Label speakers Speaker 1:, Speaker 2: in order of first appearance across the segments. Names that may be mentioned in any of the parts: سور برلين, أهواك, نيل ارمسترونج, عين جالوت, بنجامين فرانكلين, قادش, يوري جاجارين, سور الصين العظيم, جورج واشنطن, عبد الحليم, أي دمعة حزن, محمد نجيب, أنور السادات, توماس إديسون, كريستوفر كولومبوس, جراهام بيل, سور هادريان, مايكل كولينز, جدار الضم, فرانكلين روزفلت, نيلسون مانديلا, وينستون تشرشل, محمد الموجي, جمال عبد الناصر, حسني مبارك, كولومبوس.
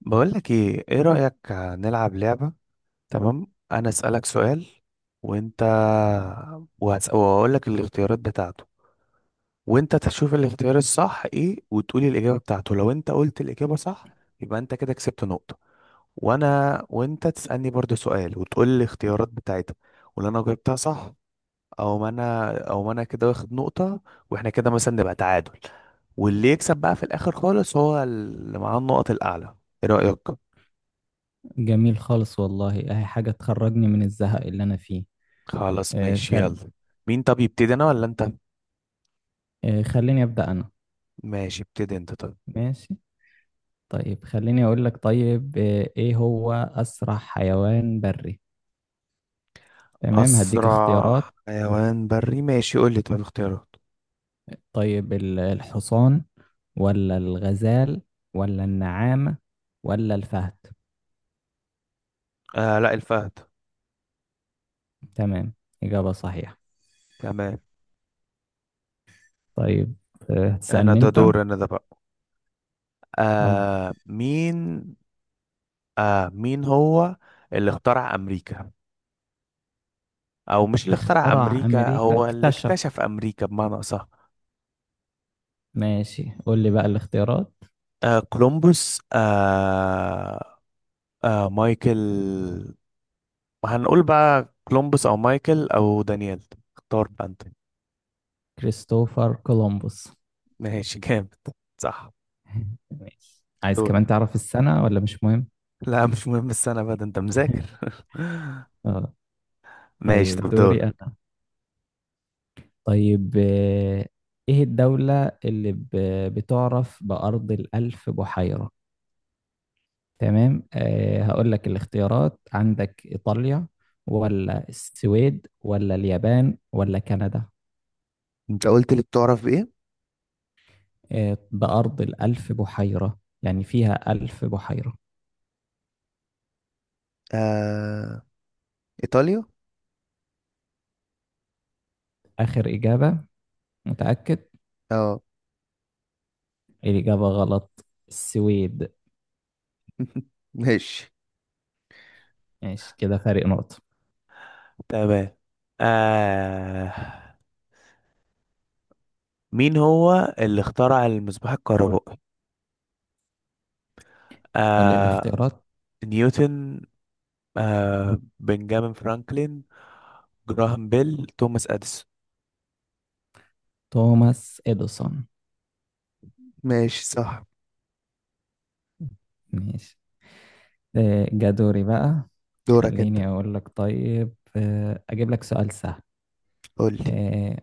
Speaker 1: بقولك ايه رأيك نلعب لعبة؟ تمام، انا اسألك سؤال وانت، وهقولك الاختيارات بتاعته، وانت تشوف الاختيار الصح ايه وتقولي الإجابة بتاعته. لو انت قلت الإجابة صح يبقى انت كده كسبت نقطة. وانت تسألني برضو سؤال وتقول الاختيارات بتاعتها، ولو انا جاوبتها صح او ما انا كده واخد نقطة. واحنا كده مثلا نبقى تعادل، واللي يكسب بقى في الآخر خالص هو اللي معاه النقط الأعلى. ايه رأيك؟
Speaker 2: جميل خالص والله اهي حاجة تخرجني من الزهق اللي انا فيه.
Speaker 1: خلاص
Speaker 2: آه،
Speaker 1: ماشي،
Speaker 2: فعلا.
Speaker 1: يلا. مين طب يبتدي، انا ولا انت؟
Speaker 2: خليني ابدأ انا.
Speaker 1: ماشي، ابتدي انت طب.
Speaker 2: ماشي. طيب خليني اقول لك. طيب ايه هو اسرع حيوان بري؟ تمام هديك
Speaker 1: اسرع
Speaker 2: اختيارات.
Speaker 1: حيوان بري، ماشي، قول لي طب اختيارات.
Speaker 2: طيب الحصان ولا الغزال ولا النعامة ولا الفهد.
Speaker 1: آه لا، الفهد.
Speaker 2: تمام إجابة صحيحة.
Speaker 1: تمام.
Speaker 2: طيب
Speaker 1: انا
Speaker 2: هتسألني
Speaker 1: ده
Speaker 2: انت.
Speaker 1: دور، انا ده بقى.
Speaker 2: اه.
Speaker 1: آه مين آه، مين هو اللي اخترع امريكا؟ او مش اللي اخترع
Speaker 2: اخترع
Speaker 1: امريكا،
Speaker 2: امريكا
Speaker 1: هو اللي
Speaker 2: اكتشف.
Speaker 1: اكتشف امريكا بمعنى اصح.
Speaker 2: ماشي قول لي بقى الاختيارات.
Speaker 1: كولومبوس، مايكل. هنقول بقى كولومبوس او مايكل او دانيال، اختار بقى انت.
Speaker 2: كريستوفر كولومبوس.
Speaker 1: ماشي جامد، صح.
Speaker 2: ماشي. عايز
Speaker 1: دور.
Speaker 2: كمان تعرف السنة ولا مش مهم؟
Speaker 1: لا مش مهم السنة بقى، ده انت مذاكر
Speaker 2: اه.
Speaker 1: ماشي
Speaker 2: طيب
Speaker 1: طب
Speaker 2: دوري
Speaker 1: دور.
Speaker 2: أنا. طيب آه، إيه الدولة اللي بتعرف بأرض الألف بحيرة؟ تمام. أه هقول لك الاختيارات، عندك إيطاليا ولا السويد ولا اليابان ولا كندا.
Speaker 1: انت قلت لي بتعرف بايه؟
Speaker 2: أه بأرض الألف بحيرة، يعني فيها ألف بحيرة.
Speaker 1: آه... ايطاليا.
Speaker 2: آخر إجابة؟ متأكد؟
Speaker 1: اه.
Speaker 2: الإجابة غلط، السويد.
Speaker 1: ماشي
Speaker 2: ماشي كده فارق نقطة.
Speaker 1: تمام. آه... مين هو اللي اخترع المصباح الكهربائي؟
Speaker 2: قول لي
Speaker 1: آه...
Speaker 2: الاختيارات.
Speaker 1: نيوتن، بنجامين فرانكلين، جراهام بيل، توماس اديسون.
Speaker 2: توماس إديسون.
Speaker 1: ماشي صح.
Speaker 2: ماشي. جا دوري بقى.
Speaker 1: دورك انت.
Speaker 2: خليني أقول لك. طيب أجيب لك سؤال سهل.
Speaker 1: قول لي.
Speaker 2: آه،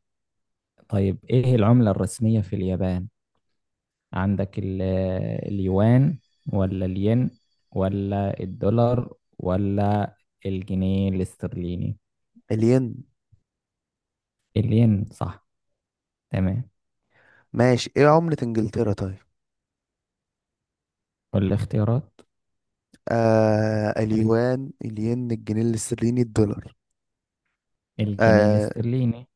Speaker 2: طيب إيه العملة الرسمية في اليابان؟ عندك اليوان ولا الين ولا الدولار ولا الجنيه الاسترليني؟
Speaker 1: الين.
Speaker 2: الين صح. تمام.
Speaker 1: ماشي، ايه عملة انجلترا طيب؟
Speaker 2: والاختيارات؟
Speaker 1: آه، اليوان، الين، الجنيه الاسترليني، الدولار.
Speaker 2: الجنيه
Speaker 1: آه،
Speaker 2: الاسترليني.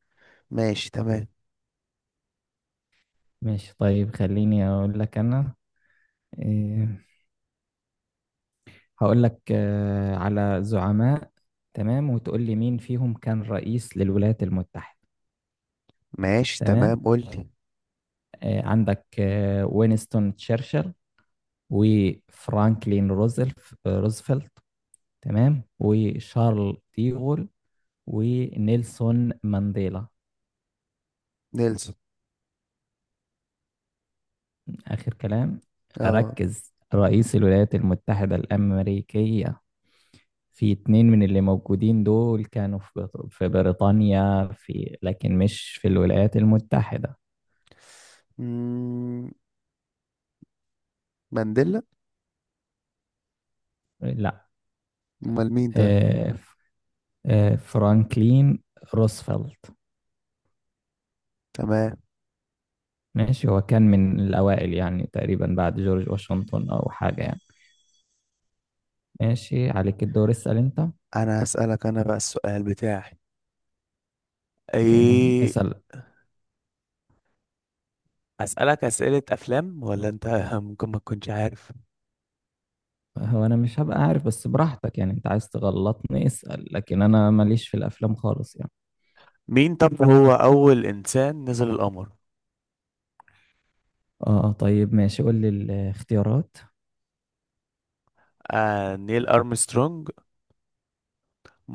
Speaker 1: ماشي تمام.
Speaker 2: ماشي. طيب خليني أقول لك أنا. آه، هقول لك آه، على زعماء، تمام، وتقول لي مين فيهم كان رئيس للولايات المتحدة.
Speaker 1: ماشي
Speaker 2: تمام.
Speaker 1: تمام، قول لي.
Speaker 2: عندك وينستون تشرشل وفرانكلين روزفلت. روزفلت. تمام. وشارل ديغول ونيلسون مانديلا.
Speaker 1: نيلسون.
Speaker 2: آخر كلام؟
Speaker 1: اه.
Speaker 2: ركز، رئيس الولايات المتحدة الأمريكية. في اتنين من اللي موجودين دول كانوا في في بريطانيا في، لكن مش في الولايات المتحدة.
Speaker 1: مم، مانديلا.
Speaker 2: لا.
Speaker 1: امال مين طيب؟
Speaker 2: آه، آه، فرانكلين روزفلت.
Speaker 1: تمام.
Speaker 2: ماشي، هو كان من الأوائل يعني، تقريبا بعد جورج واشنطن أو حاجة يعني. ماشي عليك الدور، اسأل أنت.
Speaker 1: انا هسألك انا بقى السؤال بتاعي.
Speaker 2: تمام
Speaker 1: ايه؟
Speaker 2: اسأل.
Speaker 1: اسألك اسئلة افلام ولا انت ممكن ما تكونش عارف.
Speaker 2: هو أنا مش هبقى عارف، بس براحتك يعني، أنت عايز تغلطني اسأل، لكن أنا ماليش في الأفلام خالص يعني.
Speaker 1: مين طب هو اول انسان نزل القمر؟
Speaker 2: اه طيب ماشي قول لي الاختيارات.
Speaker 1: آه، نيل ارمسترونج،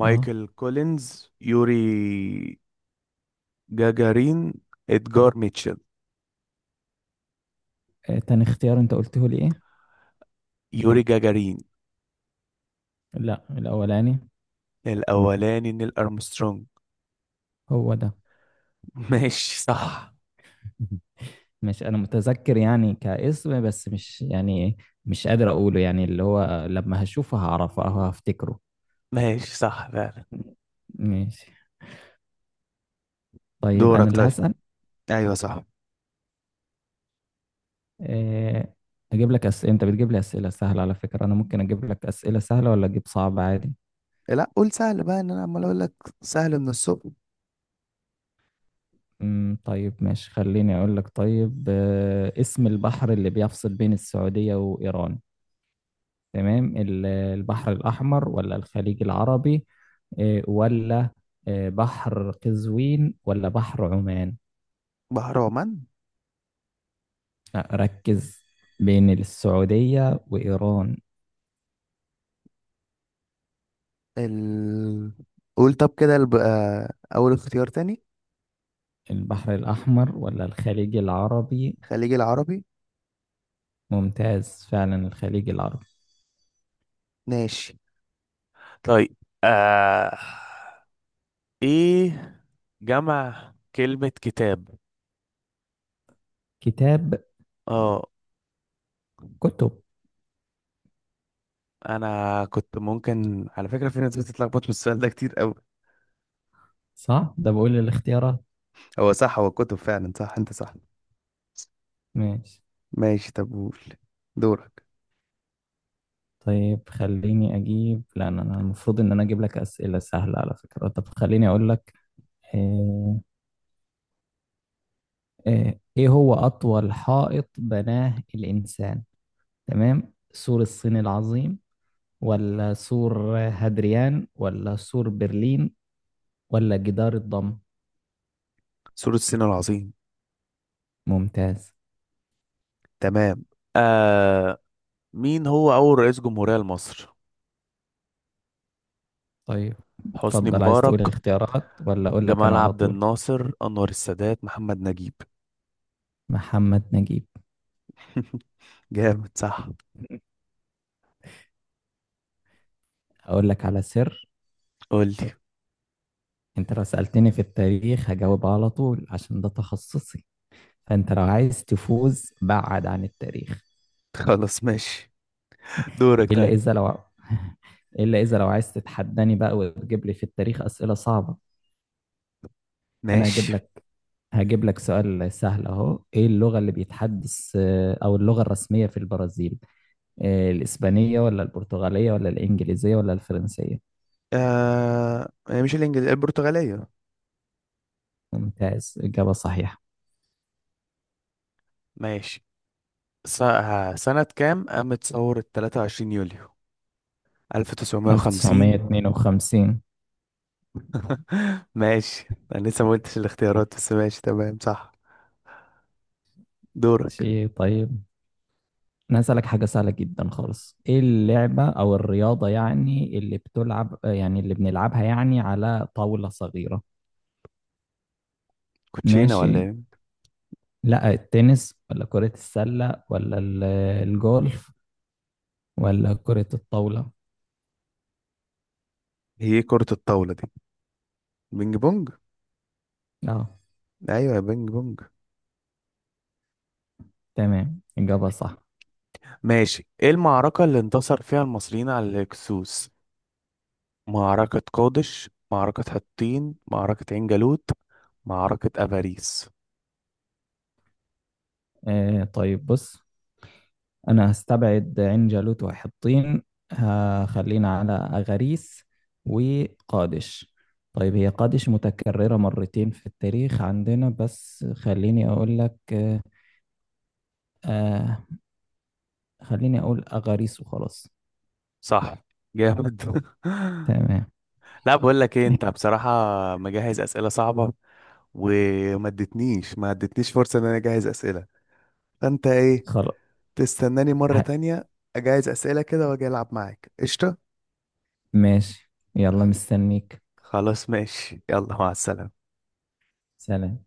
Speaker 2: اه.
Speaker 1: كولينز، يوري جاجارين، ادجار ميتشل.
Speaker 2: تاني اختيار أنت قلته لي إيه؟
Speaker 1: يوري جاجارين.
Speaker 2: لا الأولاني.
Speaker 1: الأولاني نيل أرمسترونج.
Speaker 2: هو ده.
Speaker 1: ماشي صح.
Speaker 2: مش انا متذكر يعني كاسم، بس مش يعني، مش قادر اقوله يعني، اللي هو لما هشوفه هعرفه او هفتكره.
Speaker 1: ماشي صح فعلا.
Speaker 2: ماشي. طيب انا
Speaker 1: دورك
Speaker 2: اللي
Speaker 1: طيب.
Speaker 2: هسأل.
Speaker 1: ايوه صح.
Speaker 2: إيه، اجيب لك اسئله، انت بتجيب لي اسئله سهله، على فكره انا ممكن اجيب لك اسئله سهله ولا اجيب صعب عادي.
Speaker 1: لا قول سهل بقى، ان انا عمال اقول لك سهل من الصبح.
Speaker 2: طيب ماشي، خليني اقول لك. طيب اسم البحر اللي بيفصل بين السعوديه وايران. تمام، البحر الأحمر ولا الخليج العربي، ولا بحر قزوين ولا بحر عمان.
Speaker 1: بهرمان.
Speaker 2: لا ركز، بين السعودية وإيران.
Speaker 1: ال... قول طب كده، الب... آه، اول اختيار تاني.
Speaker 2: البحر الأحمر ولا الخليج العربي؟
Speaker 1: الخليج العربي.
Speaker 2: ممتاز، فعلا الخليج العربي.
Speaker 1: ماشي. طيب، آه... إيه جمع كلمة كتاب؟
Speaker 2: كتاب
Speaker 1: اه.
Speaker 2: كتب
Speaker 1: أنا كنت ممكن على فكرة، في ناس بتتلخبط من السؤال ده كتير أوي.
Speaker 2: صح. ده بقول الاختيارات.
Speaker 1: هو صح، هو كتب فعلا، صح انت صح.
Speaker 2: ماشي.
Speaker 1: ماشي طب قول، دورك.
Speaker 2: طيب خليني أجيب، لا أنا المفروض إن أنا أجيب لك أسئلة سهلة على فكرة. طب خليني أقول لك. آه، ايه هو اطول حائط بناه الانسان؟ تمام، سور الصين العظيم ولا سور هادريان ولا سور برلين ولا جدار الضم.
Speaker 1: سور الصين العظيم.
Speaker 2: ممتاز.
Speaker 1: تمام. آه، مين هو أول رئيس جمهورية لمصر؟
Speaker 2: طيب
Speaker 1: حسني
Speaker 2: اتفضل، عايز
Speaker 1: مبارك،
Speaker 2: تقول اختيارات ولا اقول لك
Speaker 1: جمال
Speaker 2: انا على
Speaker 1: عبد
Speaker 2: طول؟
Speaker 1: الناصر، أنور السادات، محمد نجيب.
Speaker 2: محمد نجيب.
Speaker 1: جامد صح.
Speaker 2: اقول لك على سر،
Speaker 1: قول لي.
Speaker 2: انت لو سألتني في التاريخ هجاوب على طول عشان ده تخصصي، فانت لو عايز تفوز بعد عن التاريخ.
Speaker 1: خلاص ماشي. دورك
Speaker 2: الا
Speaker 1: طيب.
Speaker 2: اذا لو الا اذا لو عايز تتحداني بقى وتجيب لي في التاريخ اسئله صعبه. انا هجيب
Speaker 1: ماشي.
Speaker 2: لك، هجيب لك سؤال سهل اهو. ايه اللغه اللي بيتحدث او اللغه الرسميه في البرازيل؟ الاسبانيه ولا البرتغاليه ولا الانجليزيه ولا الفرنسيه.
Speaker 1: آه، هي مش الإنجليزية، البرتغالية.
Speaker 2: ممتاز اجابه صحيحه.
Speaker 1: ماشي. سنة كام قامت ثورة 23 يوليو 1950؟
Speaker 2: 1952.
Speaker 1: ماشي، انا لسه ما قلتش الاختيارات، بس ماشي تمام صح. دورك.
Speaker 2: شيء طيب. انا هسألك حاجة سهلة جدا خالص. ايه اللعبة او الرياضة يعني اللي بتلعب، يعني اللي بنلعبها يعني على طاولة صغيرة؟
Speaker 1: كوتشينه
Speaker 2: ماشي.
Speaker 1: ولا ايه؟
Speaker 2: لا التنس ولا كرة السلة ولا الجولف ولا كرة الطاولة.
Speaker 1: هي كرة الطاولة دي بينج بونج.
Speaker 2: اه.
Speaker 1: ايوه، يا بينج بونج.
Speaker 2: تمام إجابة صح.
Speaker 1: ماشي. ايه المعركة اللي انتصر فيها المصريين على الهكسوس؟ معركة قادش، معركة حطين، معركة عين جالوت، معركة افاريس.
Speaker 2: آه طيب بص، أنا هستبعد عين جالوت وحطين، هخلينا على أغاريس وقادش. طيب هي قادش متكررة مرتين في التاريخ عندنا، بس خليني أقول لك. آه، خليني أقول أغاريس وخلاص.
Speaker 1: صح، جامد.
Speaker 2: تمام.
Speaker 1: لا، بقول لك ايه انت بصراحة، مجهز اسئلة صعبة، وما ادتنيش ما ادتنيش فرصة ان انا اجهز اسئلة. فانت ايه،
Speaker 2: خلاص.
Speaker 1: تستناني مرة
Speaker 2: ه-
Speaker 1: تانية أجهز أسئلة كده وأجي ألعب معاك؟ قشطة.
Speaker 2: ماشي يلا، مستنيك.
Speaker 1: خلاص ماشي، يلا، مع السلامة.
Speaker 2: سلام.